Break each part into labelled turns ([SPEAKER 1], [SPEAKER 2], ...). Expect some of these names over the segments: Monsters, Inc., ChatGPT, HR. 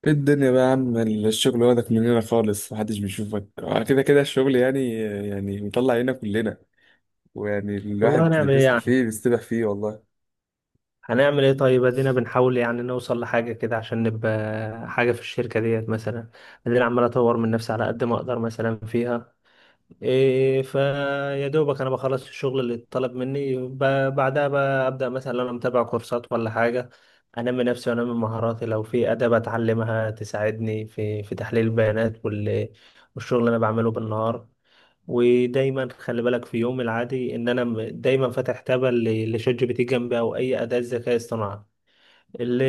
[SPEAKER 1] ايه الدنيا بقى يا عم. الشغل واخدك مننا خالص، محدش بيشوفك. كده كده الشغل يعني بيطلع عينا كلنا، ويعني
[SPEAKER 2] والله
[SPEAKER 1] الواحد اللي
[SPEAKER 2] هنعمل ايه
[SPEAKER 1] بيصحى
[SPEAKER 2] يعني؟
[SPEAKER 1] فيه بيستبح فيه والله.
[SPEAKER 2] هنعمل ايه طيب؟ ادينا بنحاول يعني نوصل لحاجة كده عشان نبقى حاجة في الشركة ديت مثلا. ادينا عمال اطور من نفسي على قد ما اقدر مثلا فيها. فيا دوبك انا بخلص الشغل اللي اتطلب مني بعدها بقى ابدا مثلا لو انا متابع كورسات ولا حاجة، انمي نفسي وانمي مهاراتي. لو في اداة بتعلمها تساعدني في تحليل البيانات والشغل اللي انا بعمله بالنهار. ودايما خلي بالك في يوم العادي ان انا دايما فاتح تابة لشات جي بي تي جنبي، او اي اداة ذكاء اصطناعي.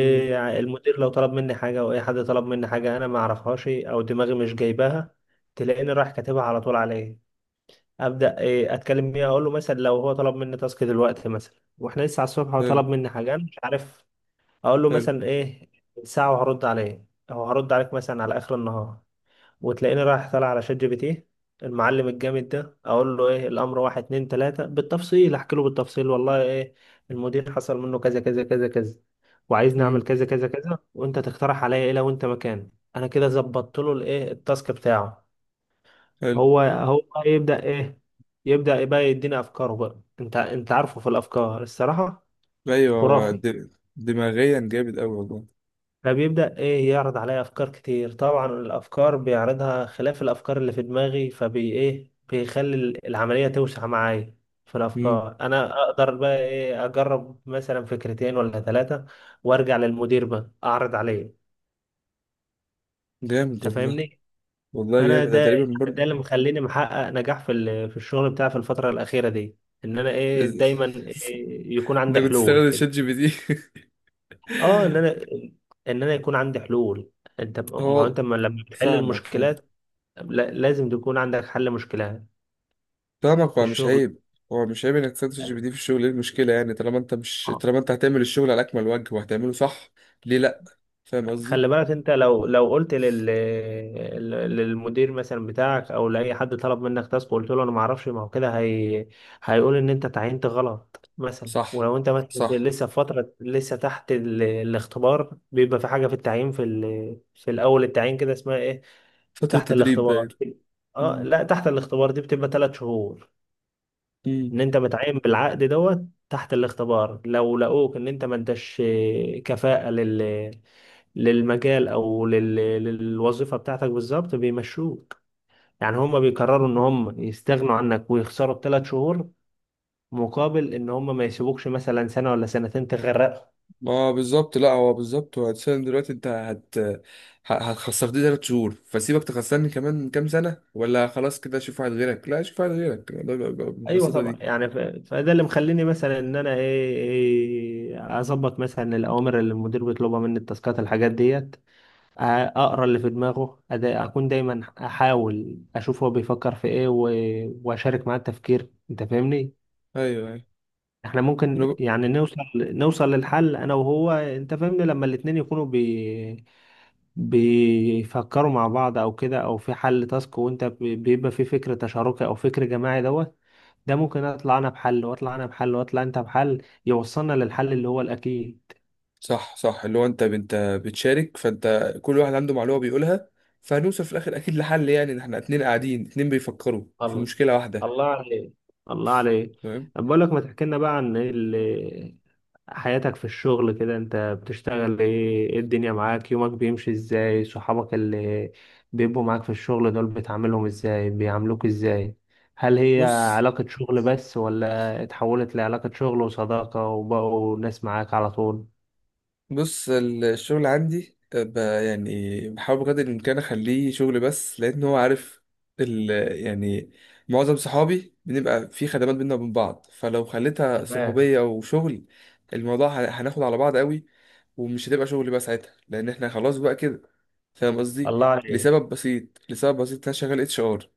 [SPEAKER 1] مم.
[SPEAKER 2] المدير لو طلب مني حاجة، او اي حد طلب مني حاجة انا ما اعرفهاش او دماغي مش جايباها، تلاقيني رايح كاتبها على طول عليه. ابدا اتكلم بيه. اقول له مثلا، لو هو طلب مني تاسك دلوقتي مثلا واحنا لسه على الصبح، هو
[SPEAKER 1] حلو.
[SPEAKER 2] طلب مني حاجة انا مش عارف، اقول له
[SPEAKER 1] حلو.
[SPEAKER 2] مثلا ساعة وهرد عليه، او هرد عليك مثلا على اخر النهار. وتلاقيني رايح طالع على شات جي بي تي، المعلم الجامد ده، اقول له ايه الامر، واحد اتنين تلاته بالتفصيل، احكي له بالتفصيل والله ايه. المدير حصل منه كذا كذا كذا كذا، وعايزني اعمل
[SPEAKER 1] مم،
[SPEAKER 2] كذا كذا كذا، وانت تقترح عليا ايه لو انت مكاني. انا كده ظبطت له التاسك بتاعه.
[SPEAKER 1] حلو.
[SPEAKER 2] هو بقى يبدا يبدا بقى يديني افكاره بقى. انت عارفه، في الافكار الصراحه،
[SPEAKER 1] ايوه هو
[SPEAKER 2] خرافي.
[SPEAKER 1] دماغيا جامد قوي والله.
[SPEAKER 2] فبيبدأ يعرض عليا أفكار كتير طبعا. الأفكار بيعرضها خلاف الأفكار اللي في دماغي، فبي إيه بيخلي العملية توسع معايا في
[SPEAKER 1] مم،
[SPEAKER 2] الأفكار. أنا أقدر بقى أجرب مثلا فكرتين ولا ثلاثة، وأرجع للمدير بقى أعرض عليه.
[SPEAKER 1] جامد
[SPEAKER 2] أنت
[SPEAKER 1] والله.
[SPEAKER 2] فاهمني؟
[SPEAKER 1] والله جامد
[SPEAKER 2] فأنا
[SPEAKER 1] ده
[SPEAKER 2] ده
[SPEAKER 1] تقريبا
[SPEAKER 2] يعني،
[SPEAKER 1] برضه.
[SPEAKER 2] ده اللي مخليني محقق نجاح في الشغل بتاعي في الفترة الأخيرة دي. إن أنا دايما يكون
[SPEAKER 1] انا
[SPEAKER 2] عندي
[SPEAKER 1] كنت
[SPEAKER 2] حلول
[SPEAKER 1] استخدم شات
[SPEAKER 2] كده.
[SPEAKER 1] جي بي تي.
[SPEAKER 2] أه، إن أنا يكون عندي حلول. أنت، ما هو
[SPEAKER 1] هو
[SPEAKER 2] أنت لما بتحل
[SPEAKER 1] فاهمك، فاهم.
[SPEAKER 2] المشكلات، لازم تكون عندك حل مشكلة
[SPEAKER 1] فاهمك،
[SPEAKER 2] في
[SPEAKER 1] هو مش
[SPEAKER 2] الشغل.
[SPEAKER 1] عيب. هو مش عيب انك تستخدم شات جي بي تي في الشغل. ايه المشكلة يعني؟ طالما انت مش
[SPEAKER 2] اه،
[SPEAKER 1] طالما انت هتعمل الشغل على اكمل وجه وهتعمله صح. ليه لا؟ فاهم قصدي.
[SPEAKER 2] خلي بالك انت لو قلت للمدير مثلا بتاعك، او لاي حد طلب منك تاسك وقلت له انا ما اعرفش، ما هو كده هيقول ان انت تعينت غلط مثلا.
[SPEAKER 1] صح،
[SPEAKER 2] ولو انت مثلا
[SPEAKER 1] صح.
[SPEAKER 2] لسه في فترة، لسه تحت الاختبار، بيبقى في حاجة في التعيين في الاول التعيين كده، اسمها ايه؟
[SPEAKER 1] فترة
[SPEAKER 2] تحت
[SPEAKER 1] تدريب باين.
[SPEAKER 2] الاختبار. اه
[SPEAKER 1] مم.
[SPEAKER 2] لا، تحت الاختبار دي بتبقى 3 شهور.
[SPEAKER 1] مم.
[SPEAKER 2] ان انت متعين بالعقد دوت، تحت الاختبار، لو لقوك ان انت ما انتش كفاءة للمجال، او للوظيفة بتاعتك بالظبط، بيمشوك. يعني هم بيقرروا ان
[SPEAKER 1] مم.
[SPEAKER 2] هم يستغنوا عنك ويخسروا ب3 شهور، مقابل ان هم ما يسيبوكش مثلا سنة ولا سنتين تغرقهم.
[SPEAKER 1] اه بالظبط. لا، هو بالظبط، هو الإنسان دلوقتي. انت هتخسرني 3 شهور، فسيبك تخسرني كمان كام سنة؟ ولا خلاص كده اشوف واحد غيرك. لا، اشوف واحد غيرك. الموضوع بيبقى
[SPEAKER 2] ايوه
[SPEAKER 1] بالبساطة
[SPEAKER 2] طبعا
[SPEAKER 1] دي.
[SPEAKER 2] يعني، فده اللي مخليني مثلا ان انا ايه إيه، اظبط مثلا الاوامر اللي المدير بيطلبها مني، التاسكات، الحاجات ديت، اقرا اللي في دماغه. اكون دايما احاول اشوف هو بيفكر في ايه، واشارك معاه التفكير. انت فاهمني؟
[SPEAKER 1] ايوه.
[SPEAKER 2] احنا ممكن
[SPEAKER 1] ايوه.
[SPEAKER 2] يعني نوصل للحل انا وهو. انت فاهمني؟ لما الاتنين يكونوا بيفكروا مع بعض او كده، او في حل تاسك وانت بيبقى في فكر تشاركي او فكر جماعي دوت. ده ممكن اطلع انا بحل، واطلع انا بحل، واطلع انت بحل، يوصلنا للحل اللي هو الاكيد.
[SPEAKER 1] صح، صح. اللي هو انت بتشارك، فانت كل واحد عنده معلومه بيقولها. فهنوصل في الاخر اكيد لحل، يعني ان احنا اتنين قاعدين اتنين بيفكروا في
[SPEAKER 2] الله.
[SPEAKER 1] مشكله واحده.
[SPEAKER 2] الله عليك. الله عليك.
[SPEAKER 1] تمام.
[SPEAKER 2] بقول لك، ما تحكي لنا بقى عن حياتك في الشغل كده. انت بتشتغل ايه؟ ايه الدنيا معاك؟ يومك بيمشي ازاي؟ صحابك اللي بيبقوا معاك في الشغل دول، بتعاملهم ازاي؟ بيعاملوك ازاي؟ هل هي
[SPEAKER 1] بص،
[SPEAKER 2] علاقة شغل بس، ولا اتحولت لعلاقة شغل وصداقة وبقوا ناس معاك على طول؟
[SPEAKER 1] بص الشغل عندي. يعني بحاول بقدر الامكان اخليه شغل بس، لان هو عارف ال يعني معظم صحابي بنبقى في خدمات بينا وبين بعض. فلو خليتها
[SPEAKER 2] تمام.
[SPEAKER 1] صحوبيه وشغل، الموضوع هناخد على بعض قوي، ومش هتبقى شغل بقى ساعتها، لان احنا خلاص بقى كده. فاهم قصدي.
[SPEAKER 2] الله عليك.
[SPEAKER 1] لسبب بسيط، انا شغال HR.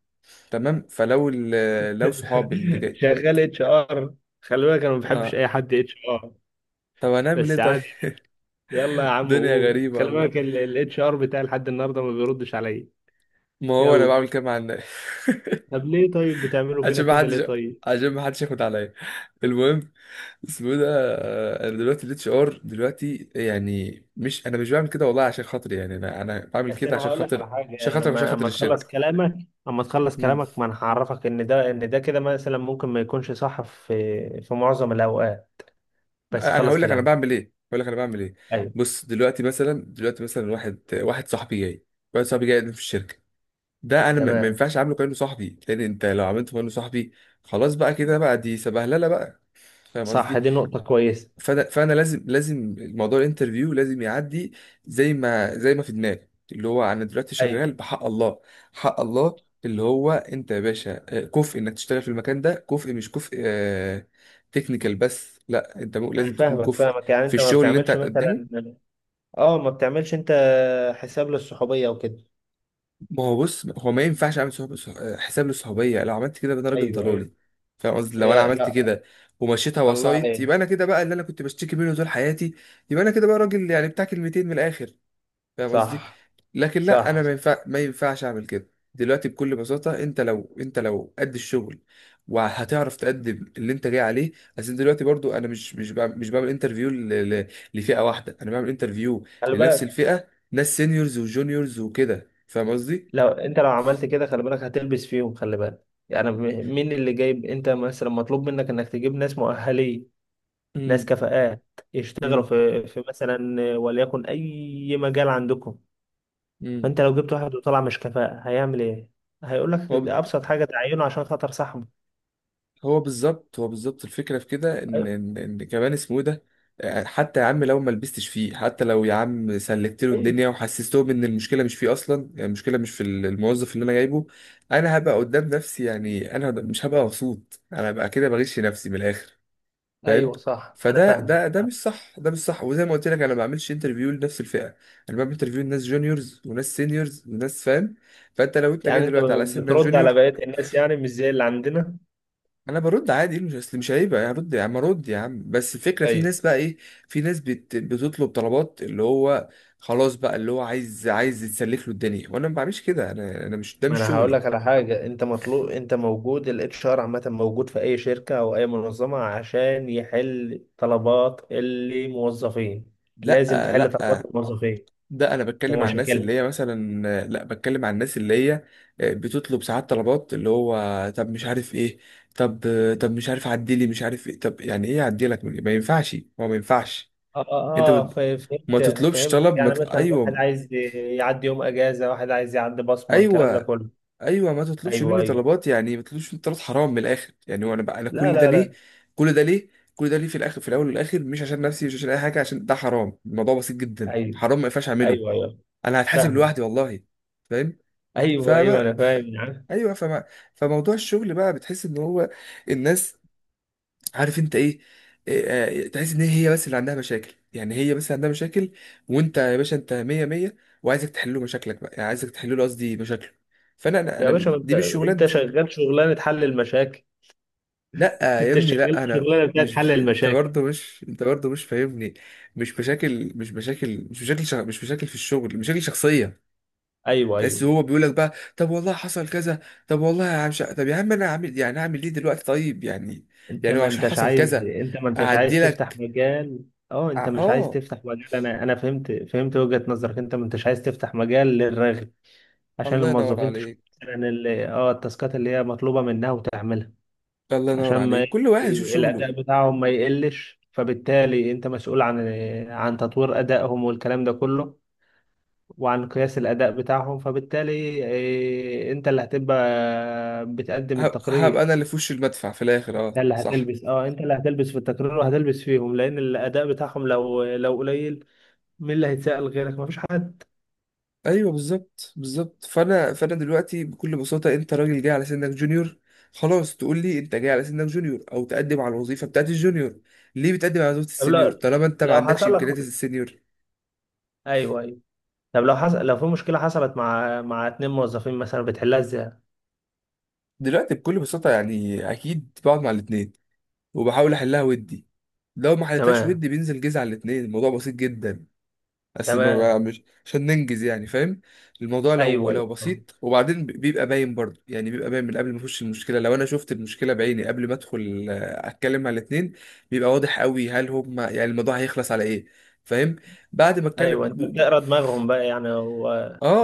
[SPEAKER 1] تمام. فلو لو صحابي اللي جاي.
[SPEAKER 2] شغال اتش ار؟ خلي بالك انا ما بحبش
[SPEAKER 1] اه،
[SPEAKER 2] اي حد اتش ار.
[SPEAKER 1] طب هنعمل ايه
[SPEAKER 2] بس
[SPEAKER 1] طيب؟
[SPEAKER 2] عادي. يلا يا عم
[SPEAKER 1] دنيا
[SPEAKER 2] قول.
[SPEAKER 1] غريبة
[SPEAKER 2] خلي
[SPEAKER 1] والله.
[SPEAKER 2] بالك الاتش ار بتاعي لحد النهارده ما بيردش عليا.
[SPEAKER 1] ما هو انا
[SPEAKER 2] يلا.
[SPEAKER 1] بعمل كده مع الناس.
[SPEAKER 2] طب ليه طيب بتعملوا فينا
[SPEAKER 1] عشان ما
[SPEAKER 2] كده، ليه
[SPEAKER 1] حدش
[SPEAKER 2] طيب؟
[SPEAKER 1] عشان ما حدش ياخد عليا. المهم، اسمه إيه ده. انا دلوقتي الاتش ار دلوقتي، يعني مش. انا مش بعمل كده والله عشان خاطري، يعني انا بعمل
[SPEAKER 2] بس
[SPEAKER 1] كده
[SPEAKER 2] انا
[SPEAKER 1] عشان
[SPEAKER 2] هقول لك
[SPEAKER 1] خاطر
[SPEAKER 2] على حاجه،
[SPEAKER 1] عشان
[SPEAKER 2] يعني
[SPEAKER 1] خاطر عشان
[SPEAKER 2] لما
[SPEAKER 1] خاطر
[SPEAKER 2] اما
[SPEAKER 1] الشركة.
[SPEAKER 2] تخلص كلامك. اما تخلص كلامك، ما انا هعرفك ان ده كده، مثلا ممكن ما يكونش صح في معظم الاوقات. بس
[SPEAKER 1] انا
[SPEAKER 2] خلص
[SPEAKER 1] هقول لك انا
[SPEAKER 2] كلامك.
[SPEAKER 1] بعمل ايه، هقول لك انا بعمل ايه.
[SPEAKER 2] ايوه.
[SPEAKER 1] بص، دلوقتي مثلا، واحد صاحبي جاي. واحد صاحبي جاي يقدم في الشركه. ده انا ما
[SPEAKER 2] تمام.
[SPEAKER 1] ينفعش اعامله كانه صاحبي، لان انت لو عملته كانه صاحبي، خلاص بقى كده بقى، دي سبهلله بقى. فاهم
[SPEAKER 2] صح،
[SPEAKER 1] قصدي.
[SPEAKER 2] دي نقطه كويسه.
[SPEAKER 1] فانا لازم الموضوع الانترفيو لازم يعدي، زي ما في دماغي، اللي هو انا دلوقتي
[SPEAKER 2] ايوه،
[SPEAKER 1] شغال بحق الله. حق الله، اللي هو انت يا باشا، كفء انك تشتغل في المكان ده. كفء مش كفء تكنيكال بس، لا انت
[SPEAKER 2] انا
[SPEAKER 1] لازم تكون
[SPEAKER 2] فاهمك
[SPEAKER 1] كفء
[SPEAKER 2] فاهمك يعني
[SPEAKER 1] في
[SPEAKER 2] انت ما
[SPEAKER 1] الشغل اللي انت
[SPEAKER 2] بتعملش
[SPEAKER 1] هتقدمه.
[SPEAKER 2] مثلا، اه ما بتعملش انت حساب للصحوبيه وكده.
[SPEAKER 1] ما هو بص، هو ما ينفعش اعمل صحب... صح- آه، حساب للصحوبيه. لو عملت كده يبقى انا راجل
[SPEAKER 2] ايوه، ايوه.
[SPEAKER 1] ضلالي. فاهم قصدي، لو انا
[SPEAKER 2] يا
[SPEAKER 1] عملت
[SPEAKER 2] لا.
[SPEAKER 1] كده ومشيتها
[SPEAKER 2] الله
[SPEAKER 1] وسايط،
[SPEAKER 2] عليك.
[SPEAKER 1] يبقى انا كده بقى اللي انا كنت بشتكي منه طول حياتي. يبقى انا كده بقى راجل يعني بتاع كلمتين من الاخر. فاهم قصدي.
[SPEAKER 2] صح،
[SPEAKER 1] لكن لا، انا
[SPEAKER 2] صح.
[SPEAKER 1] ما ينفعش اعمل كده دلوقتي بكل بساطه. انت لو قد الشغل وهتعرف تقدم اللي انت جاي عليه. عشان دلوقتي برضو انا مش بعمل انترفيو لفئه واحده. انا بعمل انترفيو
[SPEAKER 2] خلي
[SPEAKER 1] لنفس
[SPEAKER 2] بالك،
[SPEAKER 1] الفئه، ناس سينيورز وجونيورز وكده. فاهم قصدي.
[SPEAKER 2] لو انت لو عملت كده، خلي بالك هتلبس فيهم. خلي بالك يعني، مين اللي جايب؟ انت مثلا مطلوب منك انك تجيب ناس مؤهلين، ناس
[SPEAKER 1] امم
[SPEAKER 2] كفاءات، يشتغلوا في مثلا، وليكن اي مجال عندكم.
[SPEAKER 1] امم
[SPEAKER 2] فانت لو جبت واحد وطلع مش كفاءة، هيعمل ايه؟ هيقول لك ده ابسط حاجة، تعينه عشان خاطر صاحبه.
[SPEAKER 1] هو بالظبط الفكرة في كده. إن،
[SPEAKER 2] ايوه،
[SPEAKER 1] كمان اسمه إيه ده، حتى يا عم لو ما لبستش فيه، حتى لو يا عم سلكت له
[SPEAKER 2] ايوه،
[SPEAKER 1] الدنيا وحسستهم إن المشكلة مش فيه أصلا، يعني المشكلة مش في الموظف اللي أنا جايبه. أنا هبقى قدام نفسي يعني، أنا مش هبقى مبسوط. أنا هبقى كده بغش نفسي من الآخر. فاهم.
[SPEAKER 2] ايوه. صح، انا
[SPEAKER 1] فده
[SPEAKER 2] فاهم.
[SPEAKER 1] ده ده مش صح. ده مش صح، وزي ما قلت لك، أنا ما بعملش انترفيو لنفس الفئة. أنا بعمل انترفيو لناس جونيورز وناس سينيورز وناس. فاهم. فأنت لو أنت جاي
[SPEAKER 2] يعني انت
[SPEAKER 1] دلوقتي على سنك
[SPEAKER 2] بترد على
[SPEAKER 1] جونيور.
[SPEAKER 2] بقية الناس، يعني مش زي اللي عندنا؟
[SPEAKER 1] انا برد عادي، مش عيب يعني. برد يا عم، ارد يا عم، بس الفكره في
[SPEAKER 2] ايوه.
[SPEAKER 1] ناس بقى ايه. في ناس بتطلب طلبات، اللي هو خلاص بقى، اللي هو عايز يتسلف له الدنيا، وانا ما بعملش كده. انا مش، ده
[SPEAKER 2] ما
[SPEAKER 1] مش
[SPEAKER 2] انا هقول
[SPEAKER 1] شغلي.
[SPEAKER 2] لك على حاجه. انت مطلوب، انت موجود. الاتش ار عامه موجود في اي شركه او اي منظمه عشان يحل طلبات الموظفين. لازم
[SPEAKER 1] لا،
[SPEAKER 2] تحل طلبات
[SPEAKER 1] لا.
[SPEAKER 2] الموظفين
[SPEAKER 1] ده انا بتكلم عن الناس
[SPEAKER 2] ومشاكلهم.
[SPEAKER 1] اللي هي مثلا. لا، بتكلم عن الناس اللي هي، بتطلب ساعات طلبات اللي هو طب مش عارف ايه. طب، مش عارف عدلي، مش عارف ايه. طب يعني ايه اعدلك؟ ما ينفعش، هو ما ينفعش.
[SPEAKER 2] اه
[SPEAKER 1] انت
[SPEAKER 2] اه آه، ف-
[SPEAKER 1] ما
[SPEAKER 2] فهمت
[SPEAKER 1] تطلبش
[SPEAKER 2] فهمت
[SPEAKER 1] طلب، ما
[SPEAKER 2] يعني
[SPEAKER 1] ت...
[SPEAKER 2] مثلا واحد
[SPEAKER 1] ايوه.
[SPEAKER 2] عايز يعدي يوم اجازه، واحد عايز يعدي بصمه، الكلام ده
[SPEAKER 1] ايوه.
[SPEAKER 2] كله.
[SPEAKER 1] ايوه، ما تطلبش
[SPEAKER 2] ايوه،
[SPEAKER 1] مني
[SPEAKER 2] ايوه.
[SPEAKER 1] طلبات، يعني ما تطلبش مني طلبات. حرام من الاخر يعني. وانا بقى انا،
[SPEAKER 2] لا،
[SPEAKER 1] كل ده
[SPEAKER 2] لا،
[SPEAKER 1] ليه،
[SPEAKER 2] لا.
[SPEAKER 1] كل ده ليه كل ده ليه في الاخر؟ في الاول والاخر، مش عشان نفسي، مش عشان اي حاجه، عشان ده حرام. الموضوع بسيط جدا،
[SPEAKER 2] ايوه،
[SPEAKER 1] حرام ما ينفعش اعمله.
[SPEAKER 2] ايوه، ايوه.
[SPEAKER 1] انا هتحاسب
[SPEAKER 2] فاهمه.
[SPEAKER 1] لوحدي والله. فاهم.
[SPEAKER 2] ايوه، ايوه،
[SPEAKER 1] فما.
[SPEAKER 2] انا فاهم يا عم.
[SPEAKER 1] ايوه، فما. فموضوع الشغل بقى، بتحس ان هو الناس، عارف انت ايه، إيه، آه، تحس ان هي بس اللي عندها مشاكل يعني. هي بس اللي عندها مشاكل، وانت يا باشا انت مية مية، وعايزك تحل له مشاكلك بقى، يعني عايزك تحل له، قصدي، مشاكله. فانا
[SPEAKER 2] يا
[SPEAKER 1] انا أنا-
[SPEAKER 2] باشا، ما انت
[SPEAKER 1] دي مش
[SPEAKER 2] انت
[SPEAKER 1] شغلانتي.
[SPEAKER 2] شغال شغلانه حل المشاكل.
[SPEAKER 1] لا يا
[SPEAKER 2] انت
[SPEAKER 1] ابني
[SPEAKER 2] شغال
[SPEAKER 1] لا، انا
[SPEAKER 2] شغلانه بتاعت
[SPEAKER 1] مش
[SPEAKER 2] حل
[SPEAKER 1] انت
[SPEAKER 2] المشاكل.
[SPEAKER 1] برضه مش انت برضه مش فاهمني. مش بشكل في الشغل مشاكل شخصيه.
[SPEAKER 2] ايوه،
[SPEAKER 1] تحس
[SPEAKER 2] ايوه.
[SPEAKER 1] هو بيقول لك بقى، طب والله حصل كذا. طب والله يا عم طب يا عم، انا عامل يعني، اعمل ايه دلوقتي طيب يعني.
[SPEAKER 2] انت
[SPEAKER 1] يعني هو
[SPEAKER 2] ما
[SPEAKER 1] عشان
[SPEAKER 2] انتش
[SPEAKER 1] حصل
[SPEAKER 2] عايز
[SPEAKER 1] كذا،
[SPEAKER 2] انت ما انتش
[SPEAKER 1] اعدي
[SPEAKER 2] عايز تفتح
[SPEAKER 1] لك.
[SPEAKER 2] مجال. اه، انت مش عايز
[SPEAKER 1] اه.
[SPEAKER 2] تفتح مجال. انا فهمت وجهة نظرك. انت ما انتش عايز تفتح مجال للرغي، عشان
[SPEAKER 1] الله ينور
[SPEAKER 2] الموظفين تشوف
[SPEAKER 1] عليك.
[SPEAKER 2] مثلا التاسكات اللي هي مطلوبة منها وتعملها،
[SPEAKER 1] الله
[SPEAKER 2] عشان
[SPEAKER 1] ينور
[SPEAKER 2] ما
[SPEAKER 1] عليك، كل واحد يشوف
[SPEAKER 2] ي-
[SPEAKER 1] شغله.
[SPEAKER 2] الاداء بتاعهم ما يقلش. فبالتالي انت مسؤول عن تطوير ادائهم والكلام ده كله، وعن قياس الاداء بتاعهم. فبالتالي انت اللي هتبقى بتقدم
[SPEAKER 1] هبقى انا
[SPEAKER 2] التقرير.
[SPEAKER 1] اللي في وش المدفع في الاخر،
[SPEAKER 2] ده
[SPEAKER 1] اه
[SPEAKER 2] اللي
[SPEAKER 1] صح.
[SPEAKER 2] هتلبس. اه انت اللي هتلبس في التكرار وهتلبس فيهم، لان الاداء بتاعهم لو قليل، مين اللي هيتسأل غيرك؟ مفيش حد.
[SPEAKER 1] ايوه بالظبط، بالظبط. فانا دلوقتي بكل بساطه، انت راجل جاي على سنك جونيور، خلاص تقول لي انت جاي على سنك جونيور، او تقدم على الوظيفه بتاعت الجونيور. ليه بتقدم على وظيفه
[SPEAKER 2] طب
[SPEAKER 1] السينيور
[SPEAKER 2] لو،
[SPEAKER 1] طالما انت ما عندكش
[SPEAKER 2] حصل لك.
[SPEAKER 1] امكانيات السينيور؟
[SPEAKER 2] ايوه، ايوه. طب لو في مشكله حصلت مع اتنين موظفين مثلا، بتحلها ازاي؟
[SPEAKER 1] دلوقتي بكل بساطه، يعني اكيد بقعد مع الاثنين وبحاول احلها ودي. لو ما حلتهاش
[SPEAKER 2] تمام.
[SPEAKER 1] ودي، بينزل جيز على الاثنين. الموضوع بسيط جدا. بس ما بقى
[SPEAKER 2] تمام.
[SPEAKER 1] مش عشان ننجز يعني، فاهم. الموضوع لو
[SPEAKER 2] ايوه،
[SPEAKER 1] لو
[SPEAKER 2] ايوه،
[SPEAKER 1] بسيط. وبعدين بيبقى باين برضه يعني. بيبقى باين من قبل ما اخش المشكله. لو انا شفت المشكله بعيني قبل ما ادخل، اتكلم مع الاتنين، بيبقى واضح قوي هل هم، يعني الموضوع هيخلص على ايه. فاهم. بعد ما اتكلم
[SPEAKER 2] ايوه. انت بتقرا دماغهم بقى يعني، هو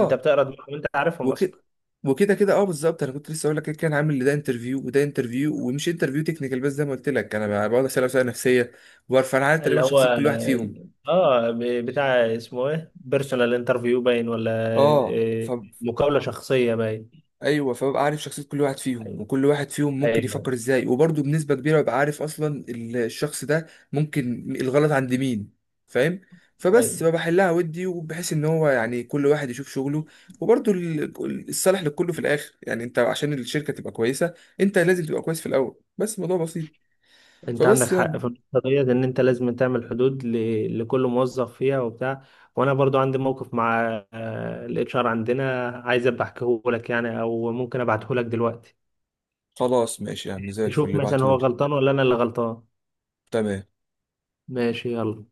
[SPEAKER 2] انت بتقرا دماغهم، انت عارفهم اصلا.
[SPEAKER 1] وكده. وكده كده اه بالظبط. انا كنت لسه اقول لك كده، كان عامل ده انترفيو وده انترفيو، ومش انترفيو تكنيكال بس. زي ما قلت لك انا بقعد اسال اسئله نفسيه وبعرف انا عارف
[SPEAKER 2] اللي
[SPEAKER 1] تقريبا شخصيه
[SPEAKER 2] هو،
[SPEAKER 1] كل واحد فيهم.
[SPEAKER 2] بتاع، اسمه ايه، بيرسونال انترفيو باين ولا
[SPEAKER 1] اه،
[SPEAKER 2] إيه؟ مقابله شخصيه باين.
[SPEAKER 1] ايوه، فببقى عارف شخصيه كل واحد فيهم،
[SPEAKER 2] ايوه،
[SPEAKER 1] وكل واحد فيهم ممكن
[SPEAKER 2] ايوه.
[SPEAKER 1] يفكر ازاي. وبرضه بنسبه كبيره ببقى عارف اصلا الشخص ده ممكن الغلط عند مين. فاهم. فبس
[SPEAKER 2] أيوة.
[SPEAKER 1] بحلها ودي، وبحيث ان هو يعني كل واحد يشوف شغله. وبرضه الصالح لكله في الاخر، يعني انت عشان الشركه تبقى كويسه، انت لازم تبقى كويس في الاول. بس الموضوع بسيط.
[SPEAKER 2] انت عندك
[SPEAKER 1] فبس يعني
[SPEAKER 2] حق في النقطه ديت، ان انت لازم تعمل حدود لكل موظف فيها وبتاع. وانا برضو عندي موقف مع الاتش ار عندنا، عايز ابقى احكيه لك يعني، او ممكن ابعته لك دلوقتي،
[SPEAKER 1] خلاص، ماشي يا عم، زي الفل
[SPEAKER 2] تشوف
[SPEAKER 1] اللي
[SPEAKER 2] مثلا هو
[SPEAKER 1] بعتولي.
[SPEAKER 2] غلطان ولا انا اللي غلطان.
[SPEAKER 1] تمام.
[SPEAKER 2] ماشي. يلا.